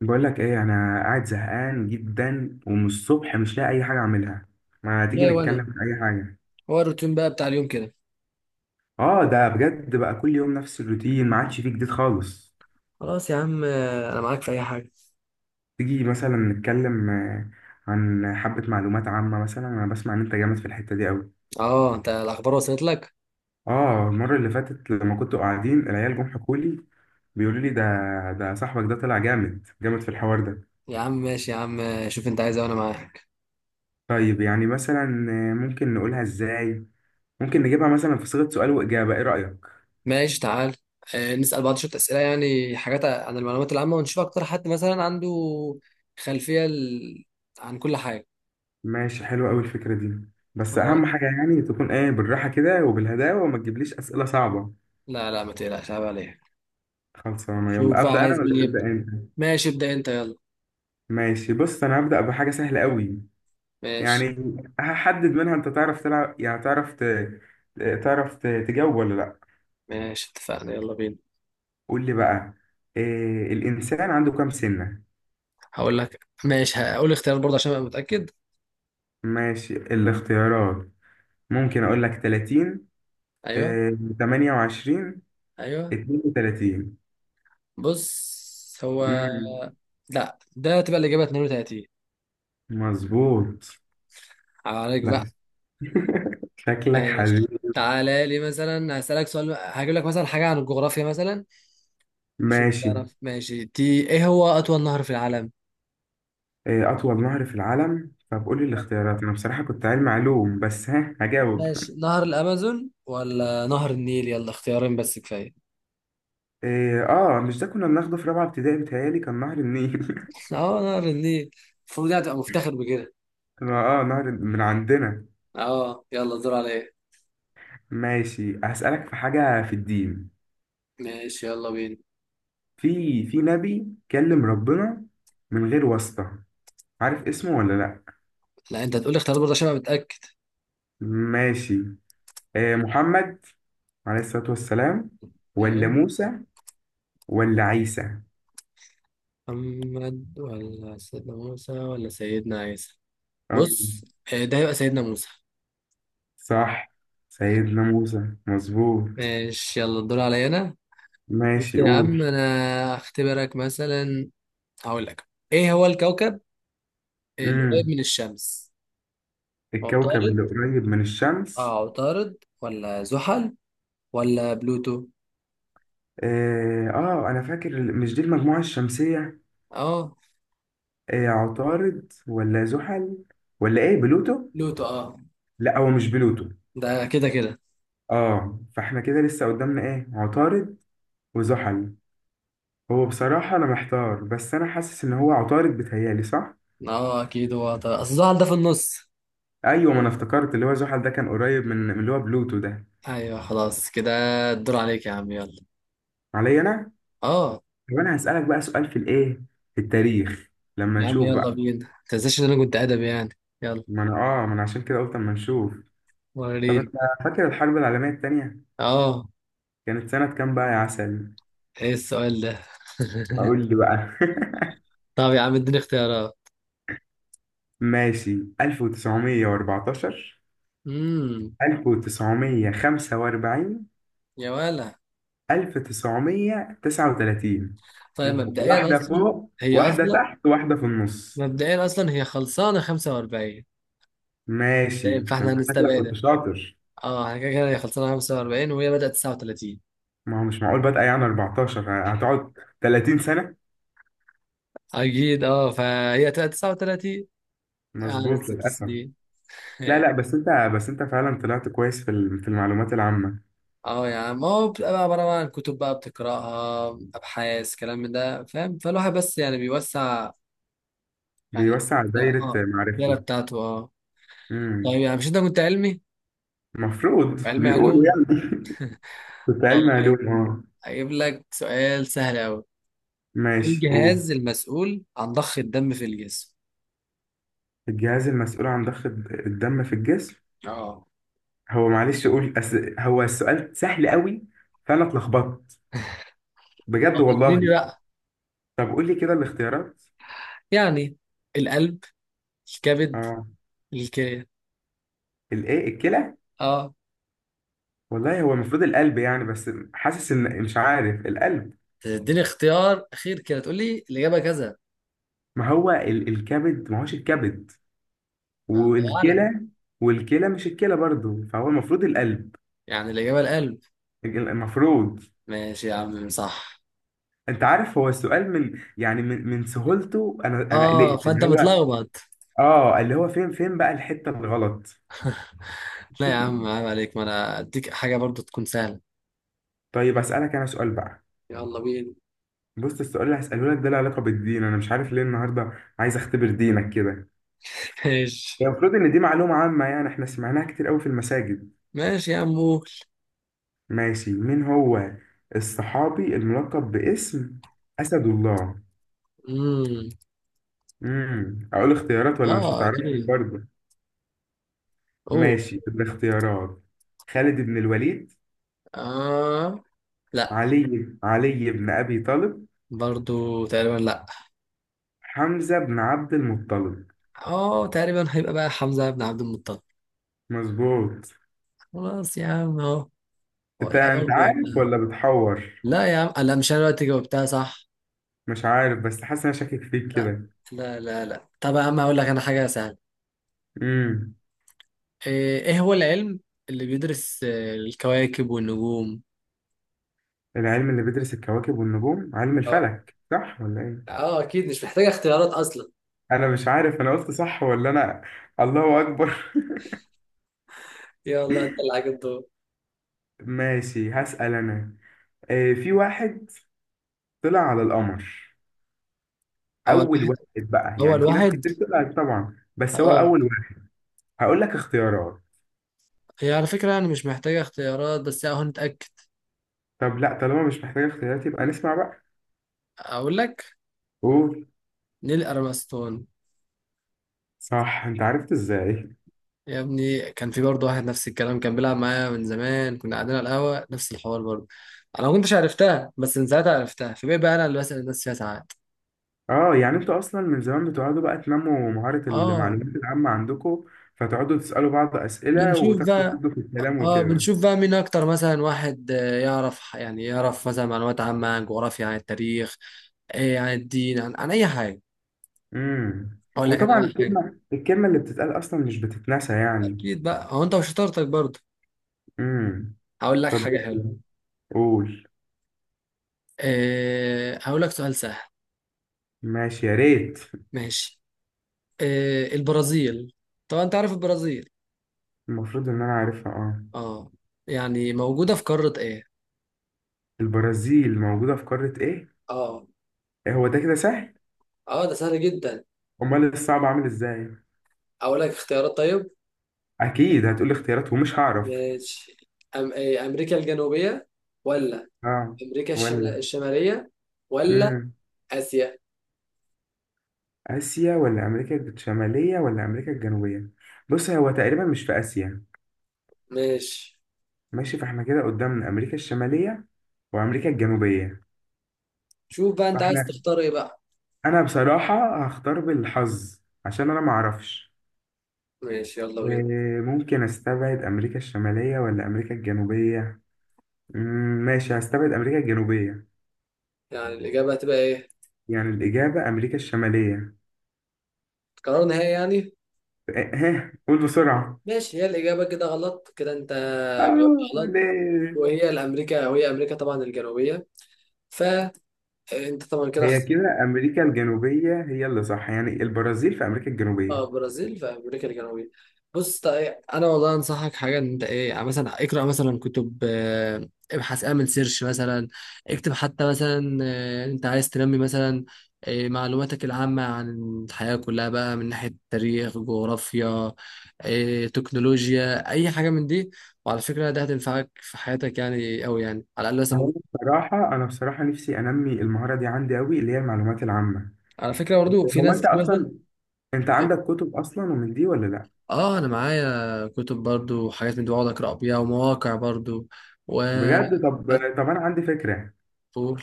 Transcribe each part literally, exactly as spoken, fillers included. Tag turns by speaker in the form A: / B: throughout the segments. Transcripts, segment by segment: A: بقول لك ايه، انا قاعد زهقان جدا ومن الصبح مش لاقي اي حاجه اعملها. ما تيجي
B: ليه
A: نتكلم
B: وانا؟
A: في اي حاجه؟
B: هو الروتين بقى بتاع اليوم كده؟
A: اه، ده بجد بقى كل يوم نفس الروتين، ما عادش فيه جديد خالص.
B: خلاص يا عم، آه، انا معاك في اي حاجه.
A: تيجي مثلا نتكلم آه، عن حبه معلومات عامه، مثلا انا بسمع ان انت جامد في الحته دي قوي.
B: اه، انت الاخبار وصلت لك؟
A: اه المره اللي فاتت لما كنتوا قاعدين، العيال جم حكوا لي، بيقولوا لي ده، ده صاحبك ده طلع جامد جامد في الحوار ده.
B: يا عم ماشي، يا عم شوف انت عايز إيه وانا معاك.
A: طيب يعني مثلا آه، ممكن نقولها ازاي؟ ممكن نجيبها مثلا في صيغه سؤال واجابه، ايه رايك؟
B: ماشي تعال، آه، نسأل بعض شوية أسئلة، يعني حاجات عن المعلومات العامة ونشوف أكتر حد مثلا عنده خلفية ال... عن كل حاجة.
A: ماشي، حلوة قوي الفكرة دي، بس
B: خلاص،
A: أهم حاجة يعني تكون إيه، بالراحة كده وبالهداوة، وما تجيبليش أسئلة صعبة.
B: لا لا ما تقلقش عيب عليك.
A: خلصانة، يلا
B: شوف بقى
A: أبدأ أنا
B: عايز
A: ولا
B: مين
A: تبدأ
B: يبدأ.
A: أنت؟
B: ماشي ابدأ أنت يلا.
A: ماشي، بص، أنا هبدأ بحاجة سهلة قوي.
B: ماشي.
A: يعني هحدد منها أنت تعرف تلعب، يعني تعرف ت... تعرف ت... تجاوب ولا لأ.
B: ماشي اتفقنا يلا بينا.
A: قول لي بقى، إيه الإنسان عنده كام سنة؟
B: هقول لك ماشي، هقول اختيار برضه عشان أبقى متأكد.
A: ماشي، الاختيارات، ممكن أقول لك تلاتين،
B: أيوه.
A: إيه ثمانية وعشرين،
B: أيوه.
A: اثنين وثلاثين.
B: بص هو.
A: مم،
B: لا، ده تبقى الإجابة اتنين وتلاتين.
A: مظبوط.
B: عليك
A: لا،
B: بقى.
A: شكلك
B: ماشي
A: حبيبي.
B: تعالى لي مثلا هسألك سؤال، هجيب لك مثلا حاجة عن الجغرافيا مثلا. أشوف
A: ماشي.
B: تعرف ماشي تي، إيه هو أطول نهر في العالم؟
A: إيه، أطول نهر في العالم؟ طب قولي الاختيارات، أنا بصراحة كنت علم علوم بس ها هجاوب.
B: ماشي، نهر الأمازون ولا نهر النيل، يلا اختيارين بس كفاية.
A: إيه، آه مش ده كنا بناخده في رابعة ابتدائي، بيتهيألي كان نهر النيل.
B: اه، نهر النيل. المفروض يعني تبقى مفتخر بكده.
A: آه، نهر من عندنا.
B: اه يلا، الدور عليا.
A: ماشي، هسألك في حاجة في الدين.
B: ماشي يلا بينا.
A: في في نبي كلم ربنا من غير واسطة، عارف اسمه ولا لأ؟
B: لا انت هتقولي اختيارات برضه عشان ابقى متأكد.
A: ماشي. إيه، محمد عليه الصلاة والسلام، ولا
B: تمام.
A: موسى، ولا عيسى؟
B: محمد ولا سيدنا موسى ولا سيدنا عيسى.
A: آه.
B: بص، آه، ده يبقى سيدنا موسى.
A: صح، سيدنا موسى مظبوط.
B: ماشي يلا الدور عليا انا. بص
A: ماشي،
B: يا عم
A: قول.
B: انا اختبرك مثلا، هقول لك ايه هو الكوكب القريب
A: امم
B: من الشمس.
A: الكوكب اللي
B: عطارد.
A: قريب من الشمس.
B: اه، عطارد ولا زحل ولا بلوتو؟
A: آه، اه انا فاكر ال- مش دي المجموعة الشمسية؟
B: اه،
A: آه، عطارد ولا زحل، ولا ايه بلوتو؟
B: بلوتو. اه
A: لا، هو مش بلوتو.
B: ده كده كده.
A: اه، فاحنا كده لسه قدامنا ايه، عطارد وزحل. هو بصراحة انا محتار، بس انا حاسس ان هو عطارد، بتهيالي صح.
B: اه اكيد هو عطارد، اصل زحل ده في النص.
A: ايوه، ما انا افتكرت اللي هو زحل ده كان قريب من من اللي هو بلوتو ده.
B: ايوه، خلاص كده. الدور عليك يا عم يلا.
A: عليا انا؟
B: اه،
A: طب انا هسألك بقى سؤال في الايه، في التاريخ، لما
B: يا عم
A: نشوف
B: يلا
A: بقى.
B: بينا ما تنساش ان انا كنت ادبي يعني. يلا.
A: ما انا اه ما انا عشان كده قلت اما نشوف. طب انت
B: وريني.
A: فاكر الحرب العالمية التانية
B: اه.
A: كانت سنة كام بقى يا عسل؟
B: ايه السؤال ده؟
A: اقول لي بقى.
B: طب يا عم اديني اختيارات.
A: ماشي، ألف وتسعمائة وأربعة عشر،
B: امم.
A: ألف وتسعمية وخمسة وأربعين،
B: يا ولا.
A: ألف وتسعمية وتسعة وتلاتين.
B: طيب مبدئيا
A: واحدة
B: اصلا.
A: فوق،
B: هي
A: واحدة
B: اصلا
A: تحت، واحدة في النص.
B: مبدئيا اصلا هي خلصانه خمسة وأربعين.
A: ماشي،
B: طيب
A: ده
B: فاحنا
A: انت شكلك كنت
B: هنستبعدها.
A: شاطر.
B: اه احنا كده كده هي خلصانه خمسة وأربعين وهي بدات تسعة وتلاتين.
A: ما هو مش معقول بادئة يعني اربعتاشر هتقعد 30 سنة.
B: اكيد اه، فهي تبقى تسعة وثلاثين. قعدت
A: مظبوط،
B: ست
A: للأسف.
B: سنين
A: لا لا بس انت، بس انت فعلا طلعت كويس في ال- في المعلومات العامة.
B: اه يا عم هو بتبقى بقى عباره بقى عن كتب بقى بتقراها، ابحاث، كلام من ده فاهم، فالواحد بس يعني بيوسع، يعني.
A: بيوسع دايرة
B: اه، الدايره
A: معرفته.
B: بتاعته اه.
A: امم
B: طيب يعني مش انت كنت علمي؟
A: المفروض
B: علمي علوم.
A: بيقولوا يعني. كنت
B: آه،
A: علمي
B: طيب
A: علوم، اه.
B: هجيب لك سؤال سهل أوي. إيه
A: ماشي، قول.
B: الجهاز المسؤول عن ضخ الدم في الجسم؟
A: الجهاز المسؤول عن ضخ الدم في الجسم.
B: اه.
A: هو معلش، قول أس... هو السؤال سهل قوي فانا اتلخبطت، بجد
B: أخدني
A: والله.
B: بقى.
A: طب قول لي كده الاختيارات.
B: يعني القلب، الكبد،
A: اه
B: الكلى.
A: الايه، الكلى.
B: اه.
A: والله هو المفروض القلب يعني، بس حاسس ان مش عارف. القلب،
B: تديني اختيار أخير كده تقول لي الإجابة كذا.
A: ما هو ال... الكبد، ما هوش الكبد،
B: ما الله أعلم.
A: والكلى، والكلى مش الكلى برضو، فهو المفروض القلب.
B: يعني الإجابة القلب.
A: المفروض.
B: ماشي يا عم صح.
A: انت عارف، هو السؤال من يعني من من سهولته انا انا
B: اه
A: قلقت
B: فأنت
A: اللي هو،
B: متلخبط.
A: اه اللي هو فين فين بقى الحته الغلط.
B: لا يا عم عيب عليك، ما أنا أديك حاجة برضو تكون سهلة.
A: طيب اسالك انا سؤال بقى.
B: يلا بينا.
A: بص، السؤال اللي هساله لك ده له علاقه بالدين، انا مش عارف ليه النهارده عايز اختبر دينك كده. هي
B: ماشي.
A: المفروض ان دي معلومه عامه يعني، احنا سمعناها كتير قوي في المساجد.
B: ماشي يا عم قول.
A: ماشي، مين هو الصحابي الملقب باسم اسد الله؟
B: امم.
A: امم اقول اختيارات ولا مش
B: اه
A: هتعرفني
B: اكيد.
A: برضه؟
B: قول.
A: ماشي، الاختيارات. خالد بن الوليد،
B: اه. لا.
A: علي علي بن أبي طالب،
B: برضو تقريبا لا.
A: حمزة بن عبد المطلب.
B: اه تقريبا هيبقى بقى حمزة بن عبد المطلب.
A: مظبوط.
B: خلاص يا عم اهو. هو
A: انت
B: لا
A: انت
B: برضو
A: عارف
B: أنا-
A: ولا بتحور؟
B: لا يا عم لا، مش انا دلوقتي جاوبتها صح.
A: مش عارف بس حاسس إن انا شاكك فيك
B: لا
A: كده.
B: لا لا. لا طب يا عم هقول لك انا حاجة سهلة.
A: امم
B: ايه، إيه هو العلم اللي بيدرس آه، الكواكب والنجوم؟
A: العلم اللي بيدرس الكواكب والنجوم، علم
B: اه.
A: الفلك، صح ولا ايه؟
B: اه اكيد مش محتاجة اختيارات اصلا.
A: انا مش عارف انا قلت صح ولا انا. الله اكبر.
B: يلا انت اللي عليك الدور.
A: ماشي، هسأل انا. آه، في واحد طلع على القمر،
B: اول
A: اول
B: واحد.
A: واحد بقى، يعني
B: اول
A: في ناس
B: واحد
A: كتير طلعت طبعا بس هو
B: اه.
A: اول. هقول لك اختيارات.
B: هي على فكرة يعني مش محتاجة اختيارات، بس اهو نتأكد.
A: طب لا، طالما مش محتاج اختيارات يبقى نسمع بقى.
B: اقول لك.
A: قول.
B: نيل ارمسترونج.
A: صح، انت عرفت ازاي؟
B: يا ابني كان في برضه واحد نفس الكلام كان بيلعب معايا من زمان، كنا قاعدين على القهوة نفس الحوار برضه. انا ما كنتش عرفتها، بس من ساعتها عرفتها، فبقى بقى انا اللي بسأل الناس فيها ساعات.
A: اه، يعني انتوا اصلا من زمان بتقعدوا بقى تنموا مهارة
B: اه،
A: المعلومات العامة عندكم، فتقعدوا تسألوا بعض أسئلة
B: بنشوف
A: وتاخدوا
B: بقى.
A: تدوا في الكلام
B: اه
A: وكده.
B: بنشوف بقى مين اكتر مثلا، واحد آه، يعرف، يعني يعرف مثلا معلومات عامة عن جغرافيا، عن التاريخ، آه، عن الدين، عن, عن اي حاجة.
A: امم
B: اقول لك انا
A: وطبعا
B: بقى حاجة.
A: الكلمة، الكلمة اللي بتتقال اصلا مش بتتنسى يعني.
B: اكيد بقى هو انت وشطارتك برضه.
A: امم
B: هقول لك
A: طب
B: حاجة حلوة.
A: قول.
B: آه، هقول لك سؤال سهل.
A: ماشي، يا ريت.
B: ماشي، آه، البرازيل، طبعا انت عارف البرازيل.
A: المفروض ان انا عارفها، اه.
B: اه. يعني موجودة في قارة ايه؟
A: البرازيل موجودة في قارة ايه؟
B: اه.
A: إيه هو ده كده سهل؟
B: اه ده سهل جدا.
A: امال الصعب عامل ازاي؟
B: اقول لك اختيارات طيب.
A: اكيد هتقولي اختيارات ومش هعرف.
B: ماشي. أم... إيه، امريكا الجنوبية، ولا
A: اه،
B: امريكا الشم...
A: ولا
B: الشمالية، ولا
A: امم
B: اسيا.
A: اسيا ولا امريكا الشماليه ولا امريكا الجنوبيه؟ بص هو تقريبا مش في اسيا.
B: ماشي.
A: ماشي، فاحنا كده قدامنا امريكا الشماليه وامريكا الجنوبيه.
B: شوف بقى انت عايز
A: فاحنا،
B: تختار ايه بقى.
A: انا بصراحه هختار بالحظ عشان انا معرفش.
B: ماشي يلا بينا.
A: إيه، ممكن استبعد امريكا الشماليه ولا امريكا الجنوبيه. مم، ماشي، هستبعد امريكا الجنوبيه.
B: يعني الاجابة هتبقى ايه؟
A: يعني الاجابه امريكا الشماليه.
B: قرار نهائي يعني.
A: إيه، ها قول بسرعه.
B: ماشي، هي الاجابة كده غلط، كده انت جاوبت
A: اه
B: غلط.
A: ليه؟
B: وهي الامريكا، وهي امريكا طبعا الجنوبية. فانت طبعا كده.
A: هي كده امريكا الجنوبيه هي اللي صح، يعني البرازيل في امريكا
B: اه،
A: الجنوبيه.
B: برازيل في امريكا الجنوبيه. بص طيب انا والله انصحك حاجه، ان انت ايه، يعني مثلا اقرا مثلا كتب، آه، ابحث، اعمل سيرش مثلا. اكتب حتى مثلا، آه، انت عايز تنمي مثلا آه، معلوماتك العامه عن الحياه كلها بقى، من ناحيه تاريخ، جغرافيا، آه، تكنولوجيا، اي حاجه من دي. وعلى فكره ده هتنفعك في حياتك يعني قوي، يعني على الاقل مثلا
A: هو
B: ممكن.
A: بصراحه، انا بصراحه نفسي انمي المهاره دي عندي قوي، اللي هي المعلومات العامه.
B: على فكره برضو في
A: هو
B: ناس
A: انت
B: كتير مثلا.
A: اصلا، انت عندك كتب اصلا ومن دي ولا لا؟
B: اه، انا معايا كتب برضو وحاجات من دي، بقعد اقرا بيها، ومواقع برضو. و.
A: بجد؟ طب، طب انا عندي فكره.
B: قول.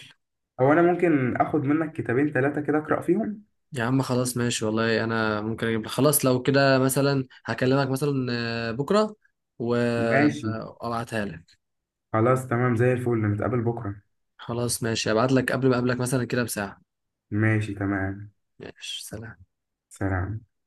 A: هو انا ممكن اخد منك كتابين ثلاثه كده اقرا فيهم؟
B: يا عم خلاص ماشي والله، انا ممكن اجيب لك، خلاص لو كده مثلا هكلمك مثلا آه، بكره
A: ماشي،
B: وابعتها لك.
A: خلاص تمام زي الفل، نتقابل بكره.
B: خلاص ماشي، ابعت لك قبل ما اقابلك مثلا كده بساعه.
A: ماشي تمام،
B: ماشي، سلام.
A: سلام.